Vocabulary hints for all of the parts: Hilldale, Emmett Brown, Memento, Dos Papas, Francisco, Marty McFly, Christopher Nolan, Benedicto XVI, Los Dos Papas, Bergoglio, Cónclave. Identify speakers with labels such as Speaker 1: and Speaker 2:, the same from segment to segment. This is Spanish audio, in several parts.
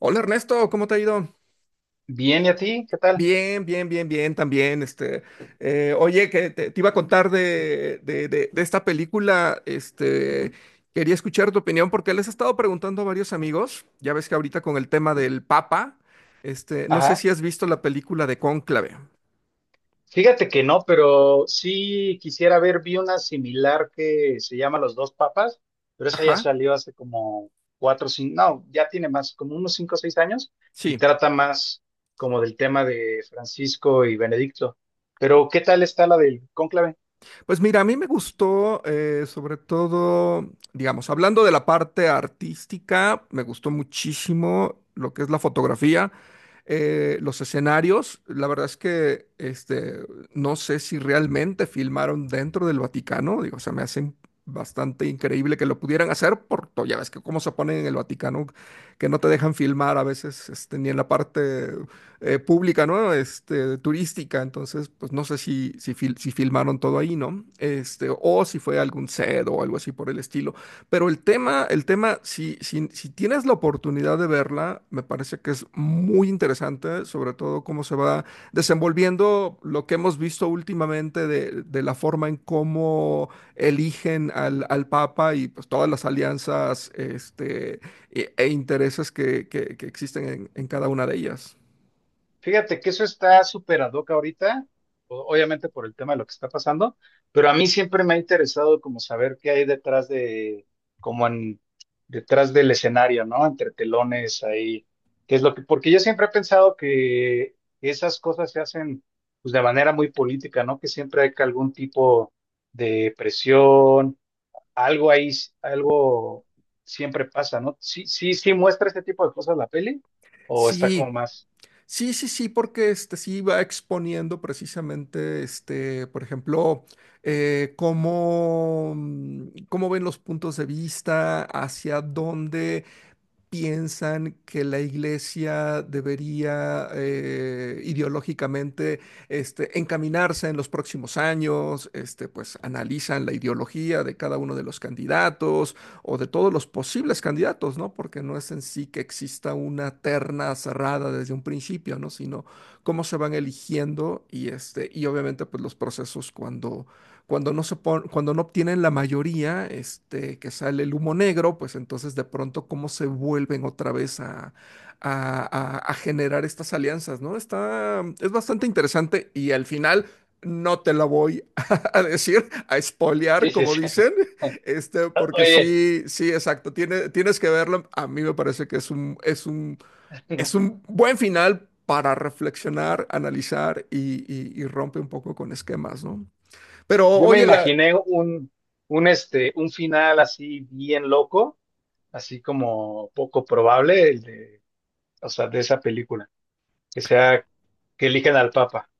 Speaker 1: Hola Ernesto, ¿cómo te ha ido?
Speaker 2: Bien, ¿y a ti? ¿Qué tal?
Speaker 1: Bien, bien, bien, bien, también. Oye, que te iba a contar de esta película. Quería escuchar tu opinión porque les he estado preguntando a varios amigos. Ya ves que ahorita con el tema del Papa, no sé
Speaker 2: Ajá.
Speaker 1: si has visto la película de Cónclave.
Speaker 2: Fíjate que no, pero sí quisiera ver, vi una similar que se llama Los Dos Papas, pero esa ya
Speaker 1: Ajá,
Speaker 2: salió hace como cuatro, cinco, no, ya tiene más, como unos cinco o seis años, y
Speaker 1: sí.
Speaker 2: trata más como del tema de Francisco y Benedicto. Pero, ¿qué tal está la del cónclave?
Speaker 1: Pues mira, a mí me gustó, sobre todo, digamos, hablando de la parte artística, me gustó muchísimo lo que es la fotografía, los escenarios. La verdad es que no sé si realmente filmaron dentro del Vaticano, digo, se me hace bastante increíble que lo pudieran hacer, porque ya ves que cómo se ponen en el Vaticano, que no te dejan filmar a veces ni en la parte pública, ¿no? Este, turística, entonces, pues no sé si filmaron todo ahí, ¿no? Este, o si fue algún set o algo así por el estilo. Pero el tema, si tienes la oportunidad de verla, me parece que es muy interesante, sobre todo cómo se va desenvolviendo lo que hemos visto últimamente de la forma en cómo eligen al Papa y pues todas las alianzas, e intereses que existen en cada una de ellas.
Speaker 2: Fíjate que eso está súper ad hoc ahorita, obviamente por el tema de lo que está pasando, pero a mí siempre me ha interesado como saber qué hay detrás de, como en, detrás del escenario, ¿no? Entre telones ahí, qué es lo que, porque yo siempre he pensado que esas cosas se hacen pues de manera muy política, ¿no? Que siempre hay que algún tipo de presión, algo ahí, algo siempre pasa, ¿no? Sí, sí, sí muestra ese tipo de cosas la peli, o está como
Speaker 1: Sí,
Speaker 2: más,
Speaker 1: sí, sí, sí, porque este sí va exponiendo precisamente, este, por ejemplo, cómo ven los puntos de vista, hacia dónde piensan que la iglesia debería ideológicamente encaminarse en los próximos años, este, pues analizan la ideología de cada uno de los candidatos o de todos los posibles candidatos, ¿no? Porque no es en sí que exista una terna cerrada desde un principio, ¿no? Sino cómo se van eligiendo y, este, y obviamente pues los procesos cuando cuando no obtienen la mayoría, este, que sale el humo negro, pues entonces de pronto cómo se vuelven otra vez a- a generar estas alianzas, ¿no? Está, es bastante interesante y al final no te la voy a decir, a
Speaker 2: sí,
Speaker 1: spoilear,
Speaker 2: sí,
Speaker 1: como
Speaker 2: sí.
Speaker 1: dicen, este, porque
Speaker 2: Oye,
Speaker 1: sí, sí, exacto, tienes que verlo. A mí me parece que es es un buen final. Para reflexionar, analizar y rompe un poco con esquemas, ¿no? Pero
Speaker 2: yo me
Speaker 1: oye, la
Speaker 2: imaginé un, un final así bien loco, así como poco probable, el de, o sea, de esa película, que sea que elijan al Papa.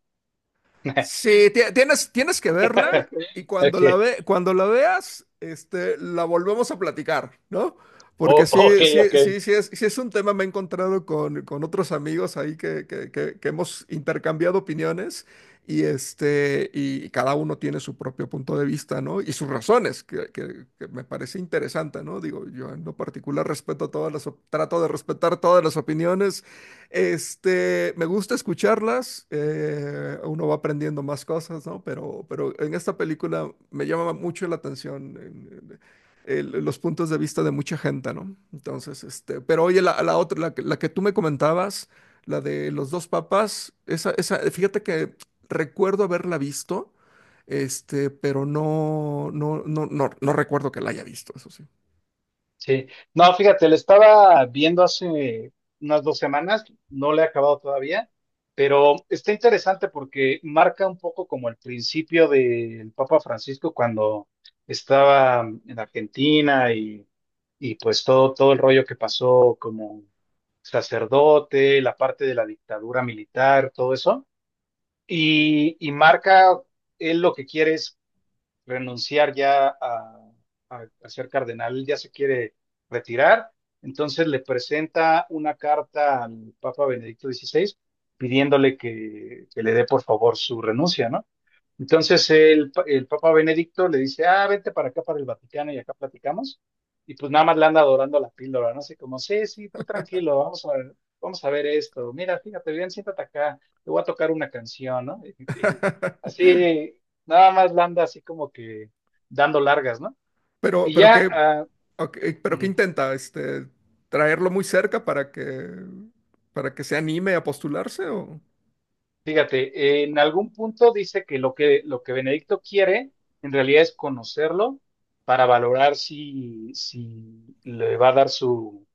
Speaker 1: sí, tienes que verla y cuando
Speaker 2: Ok,
Speaker 1: cuando la veas, este, la volvemos a platicar, ¿no? Porque
Speaker 2: ok,
Speaker 1: sí, sí,
Speaker 2: ok.
Speaker 1: sí, sí es un tema, me he encontrado con otros amigos ahí que hemos intercambiado opiniones y este, y cada uno tiene su propio punto de vista, ¿no? Y sus razones, que me parece interesante, ¿no? Digo, yo en lo particular respeto todas las, trato de respetar todas las opiniones. Este, me gusta escucharlas, uno va aprendiendo más cosas, ¿no? Pero en esta película me llama mucho la atención los puntos de vista de mucha gente, ¿no? Entonces, este, pero oye, la otra, que la que tú me comentabas, la de los dos papas, esa, fíjate que recuerdo haberla visto, este, pero no recuerdo que la haya visto, eso sí.
Speaker 2: Sí, no, fíjate, le estaba viendo hace unas dos semanas, no le he acabado todavía, pero está interesante porque marca un poco como el principio del Papa Francisco cuando estaba en Argentina y pues todo, todo el rollo que pasó como sacerdote, la parte de la dictadura militar, todo eso, y marca él lo que quiere es renunciar ya a, a ser cardenal, él ya se quiere retirar, entonces le presenta una carta al Papa Benedicto XVI pidiéndole que le dé por favor su renuncia, ¿no? Entonces el, el Papa Benedicto le dice, ah, vente para acá, para el Vaticano y acá platicamos. Y pues nada más le anda adorando la píldora, ¿no? Así como, sí, sí, tú tranquilo, vamos a, vamos a ver esto. Mira, fíjate bien, siéntate acá, te voy a tocar una canción, ¿no? Y así, nada más le anda así como que dando largas, ¿no?
Speaker 1: Pero,
Speaker 2: Y
Speaker 1: pero qué,
Speaker 2: ya, ah,
Speaker 1: ok, pero qué intenta, traerlo muy cerca para que se anime a postularse o.
Speaker 2: fíjate, en algún punto dice que lo que, lo que Benedicto quiere en realidad es conocerlo para valorar si, si le va a dar su,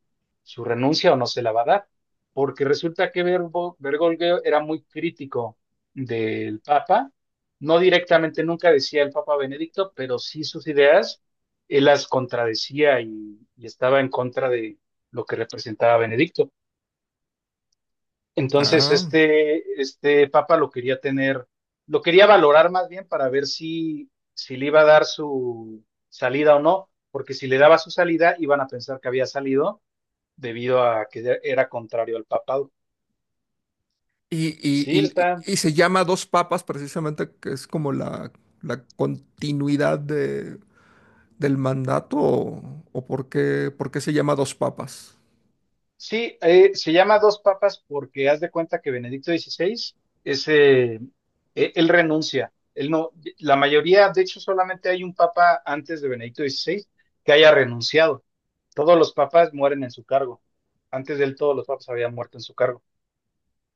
Speaker 2: su renuncia o no se la va a dar, porque resulta que Bergoglio era muy crítico del Papa, no directamente nunca decía el Papa Benedicto, pero sí sus ideas, él las contradecía y estaba en contra de lo que representaba Benedicto. Entonces,
Speaker 1: Ah.
Speaker 2: este papa lo quería tener, lo quería valorar más bien para ver si, si le iba a dar su salida o no, porque si le daba su salida, iban a pensar que había salido debido a que era contrario al papado.
Speaker 1: Y, y-
Speaker 2: Sí,
Speaker 1: y-
Speaker 2: está.
Speaker 1: y se llama Dos Papas precisamente, que es como la continuidad de, del mandato, o por qué se llama Dos Papas.
Speaker 2: Sí, se llama Dos Papas porque haz de cuenta que Benedicto XVI, ese, él renuncia. Él no, la mayoría, de hecho, solamente hay un papa antes de Benedicto XVI que haya renunciado. Todos los papas mueren en su cargo. Antes de él, todos los papas habían muerto en su cargo.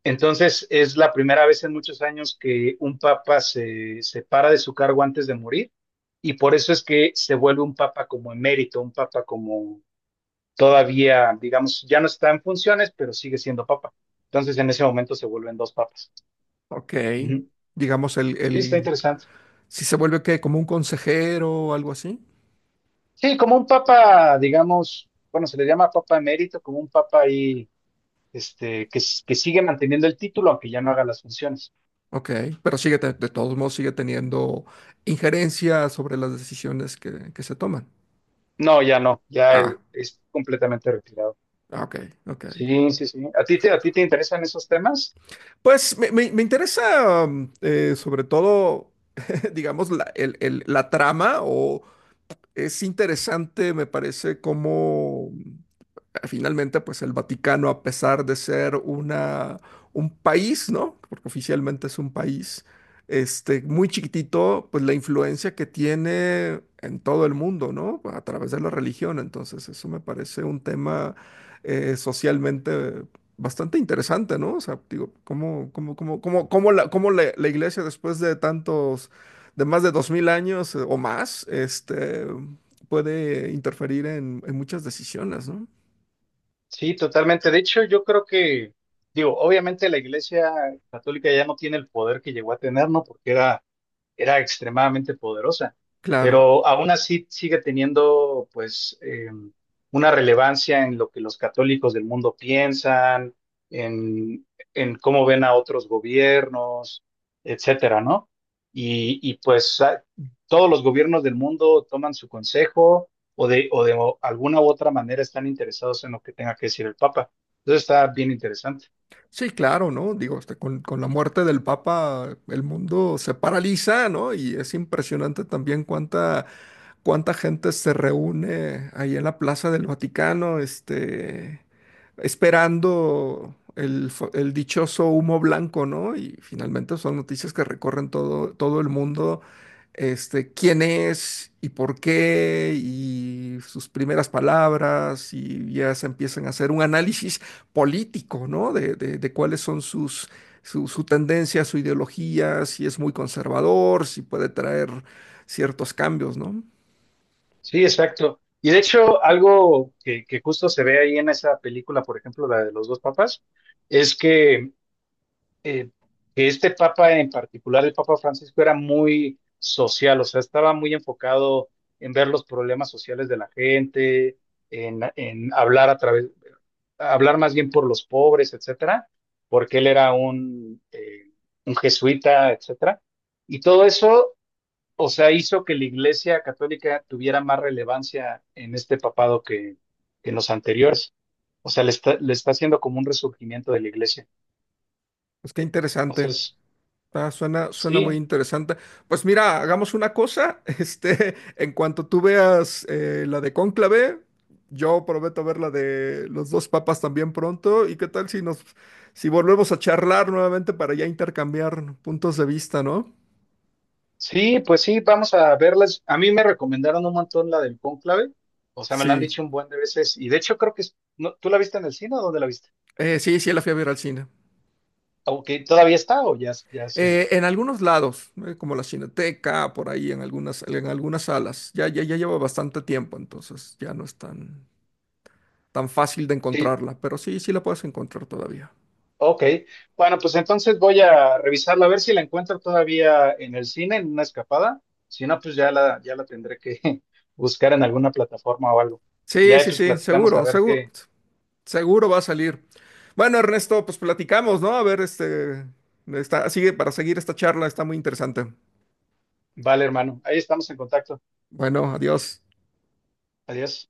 Speaker 2: Entonces, es la primera vez en muchos años que un papa se separa de su cargo antes de morir, y por eso es que se vuelve un papa como emérito, un papa como todavía, digamos, ya no está en funciones, pero sigue siendo papa. Entonces, en ese momento se vuelven dos papas.
Speaker 1: Ok.
Speaker 2: Ujú.
Speaker 1: Digamos,
Speaker 2: Sí, está interesante.
Speaker 1: si se vuelve que como un consejero o algo así.
Speaker 2: Sí, como un papa, digamos, bueno, se le llama papa emérito, como un papa ahí, que, que sigue manteniendo el título, aunque ya no haga las funciones.
Speaker 1: Ok, pero sigue, de todos modos sigue teniendo injerencia sobre las decisiones que se toman.
Speaker 2: No, ya no, ya
Speaker 1: Ah,
Speaker 2: él es completamente retirado.
Speaker 1: ah, ok, ok.
Speaker 2: Sí, sí, sí. A ti te interesan esos temas?
Speaker 1: Pues me interesa sobre todo, digamos, la trama o es interesante, me parece, cómo finalmente, pues el Vaticano, a pesar de ser un país, ¿no? Porque oficialmente es un país, este, muy chiquitito, pues la influencia que tiene en todo el mundo, ¿no? A través de la religión. Entonces, eso me parece un tema socialmente bastante interesante, ¿no? O sea, digo, ¿cómo la iglesia después de de más de 2000 años o más, este puede interferir en muchas decisiones, ¿no?
Speaker 2: Sí, totalmente. De hecho, yo creo que, digo, obviamente la Iglesia Católica ya no tiene el poder que llegó a tener, ¿no? Porque era era extremadamente poderosa,
Speaker 1: Claro,
Speaker 2: pero aún así sigue teniendo pues una relevancia en lo que los católicos del mundo piensan, en, en cómo ven a otros gobiernos, etcétera, ¿no? Y, pues a- todos los gobiernos del mundo toman su consejo o de alguna u otra manera están interesados en lo que tenga que decir el Papa. Entonces está bien interesante.
Speaker 1: sí, claro, ¿no? Digo, este, con la muerte del Papa el mundo se paraliza, ¿no? Y es impresionante también cuánta gente se reúne ahí en la Plaza del Vaticano, este, esperando el dichoso humo blanco, ¿no? Y finalmente son noticias que recorren todo el mundo, este, quién es y por qué, y sus primeras palabras, y ya se empiezan a hacer un análisis político, ¿no? De cuáles son su, su tendencia, su ideología, si es muy conservador, si puede traer ciertos cambios, ¿no?
Speaker 2: Sí, exacto. Y de hecho, algo que justo se ve ahí en esa película, por ejemplo, la de los dos papas, es eh, que este papa en particular, el Papa Francisco, era muy social, o sea, estaba muy enfocado en ver los problemas sociales de la gente, en hablar a través, hablar más bien por los pobres, etcétera, porque él era un jesuita, etcétera. Y todo eso o sea, hizo que la Iglesia Católica tuviera más relevancia en este papado que en los anteriores. O sea, le está haciendo como un resurgimiento de la Iglesia.
Speaker 1: Pues qué interesante.
Speaker 2: Entonces,
Speaker 1: Ah, suena, suena muy
Speaker 2: sí,
Speaker 1: interesante. Pues mira, hagamos una cosa. Este, en cuanto tú veas la de Cónclave, yo prometo ver la de los dos papas también pronto. ¿Y qué tal si si volvemos a charlar nuevamente para ya intercambiar puntos de vista, ¿no?
Speaker 2: sí, pues sí, vamos a verlas. A mí me recomendaron un montón la del cónclave. O sea, me la han
Speaker 1: Sí,
Speaker 2: dicho un buen de veces. Y de hecho, creo que no, tú la viste en el cine o dónde la viste.
Speaker 1: eh, sí, sí, la fui a ver al cine.
Speaker 2: Aunque todavía está o ya, ya se la.
Speaker 1: En algunos lados, como la Cineteca, por ahí en en algunas salas. Ya, ya, ya lleva bastante tiempo, entonces ya no es tan fácil de encontrarla, pero sí, sí la puedes encontrar todavía.
Speaker 2: Ok, bueno, pues entonces voy a revisarla a ver si la encuentro todavía en el cine, en una escapada. Si no, pues ya la, ya la tendré que buscar en alguna plataforma o algo. Y
Speaker 1: Sí,
Speaker 2: ahí
Speaker 1: sí,
Speaker 2: pues
Speaker 1: sí,
Speaker 2: platicamos a
Speaker 1: seguro,
Speaker 2: ver
Speaker 1: seguro,
Speaker 2: qué.
Speaker 1: seguro va a salir. Bueno, Ernesto, pues platicamos, ¿no? A ver, este, está, sigue para seguir esta charla, está muy interesante.
Speaker 2: Vale, hermano. Ahí estamos en contacto.
Speaker 1: Bueno, adiós.
Speaker 2: Adiós.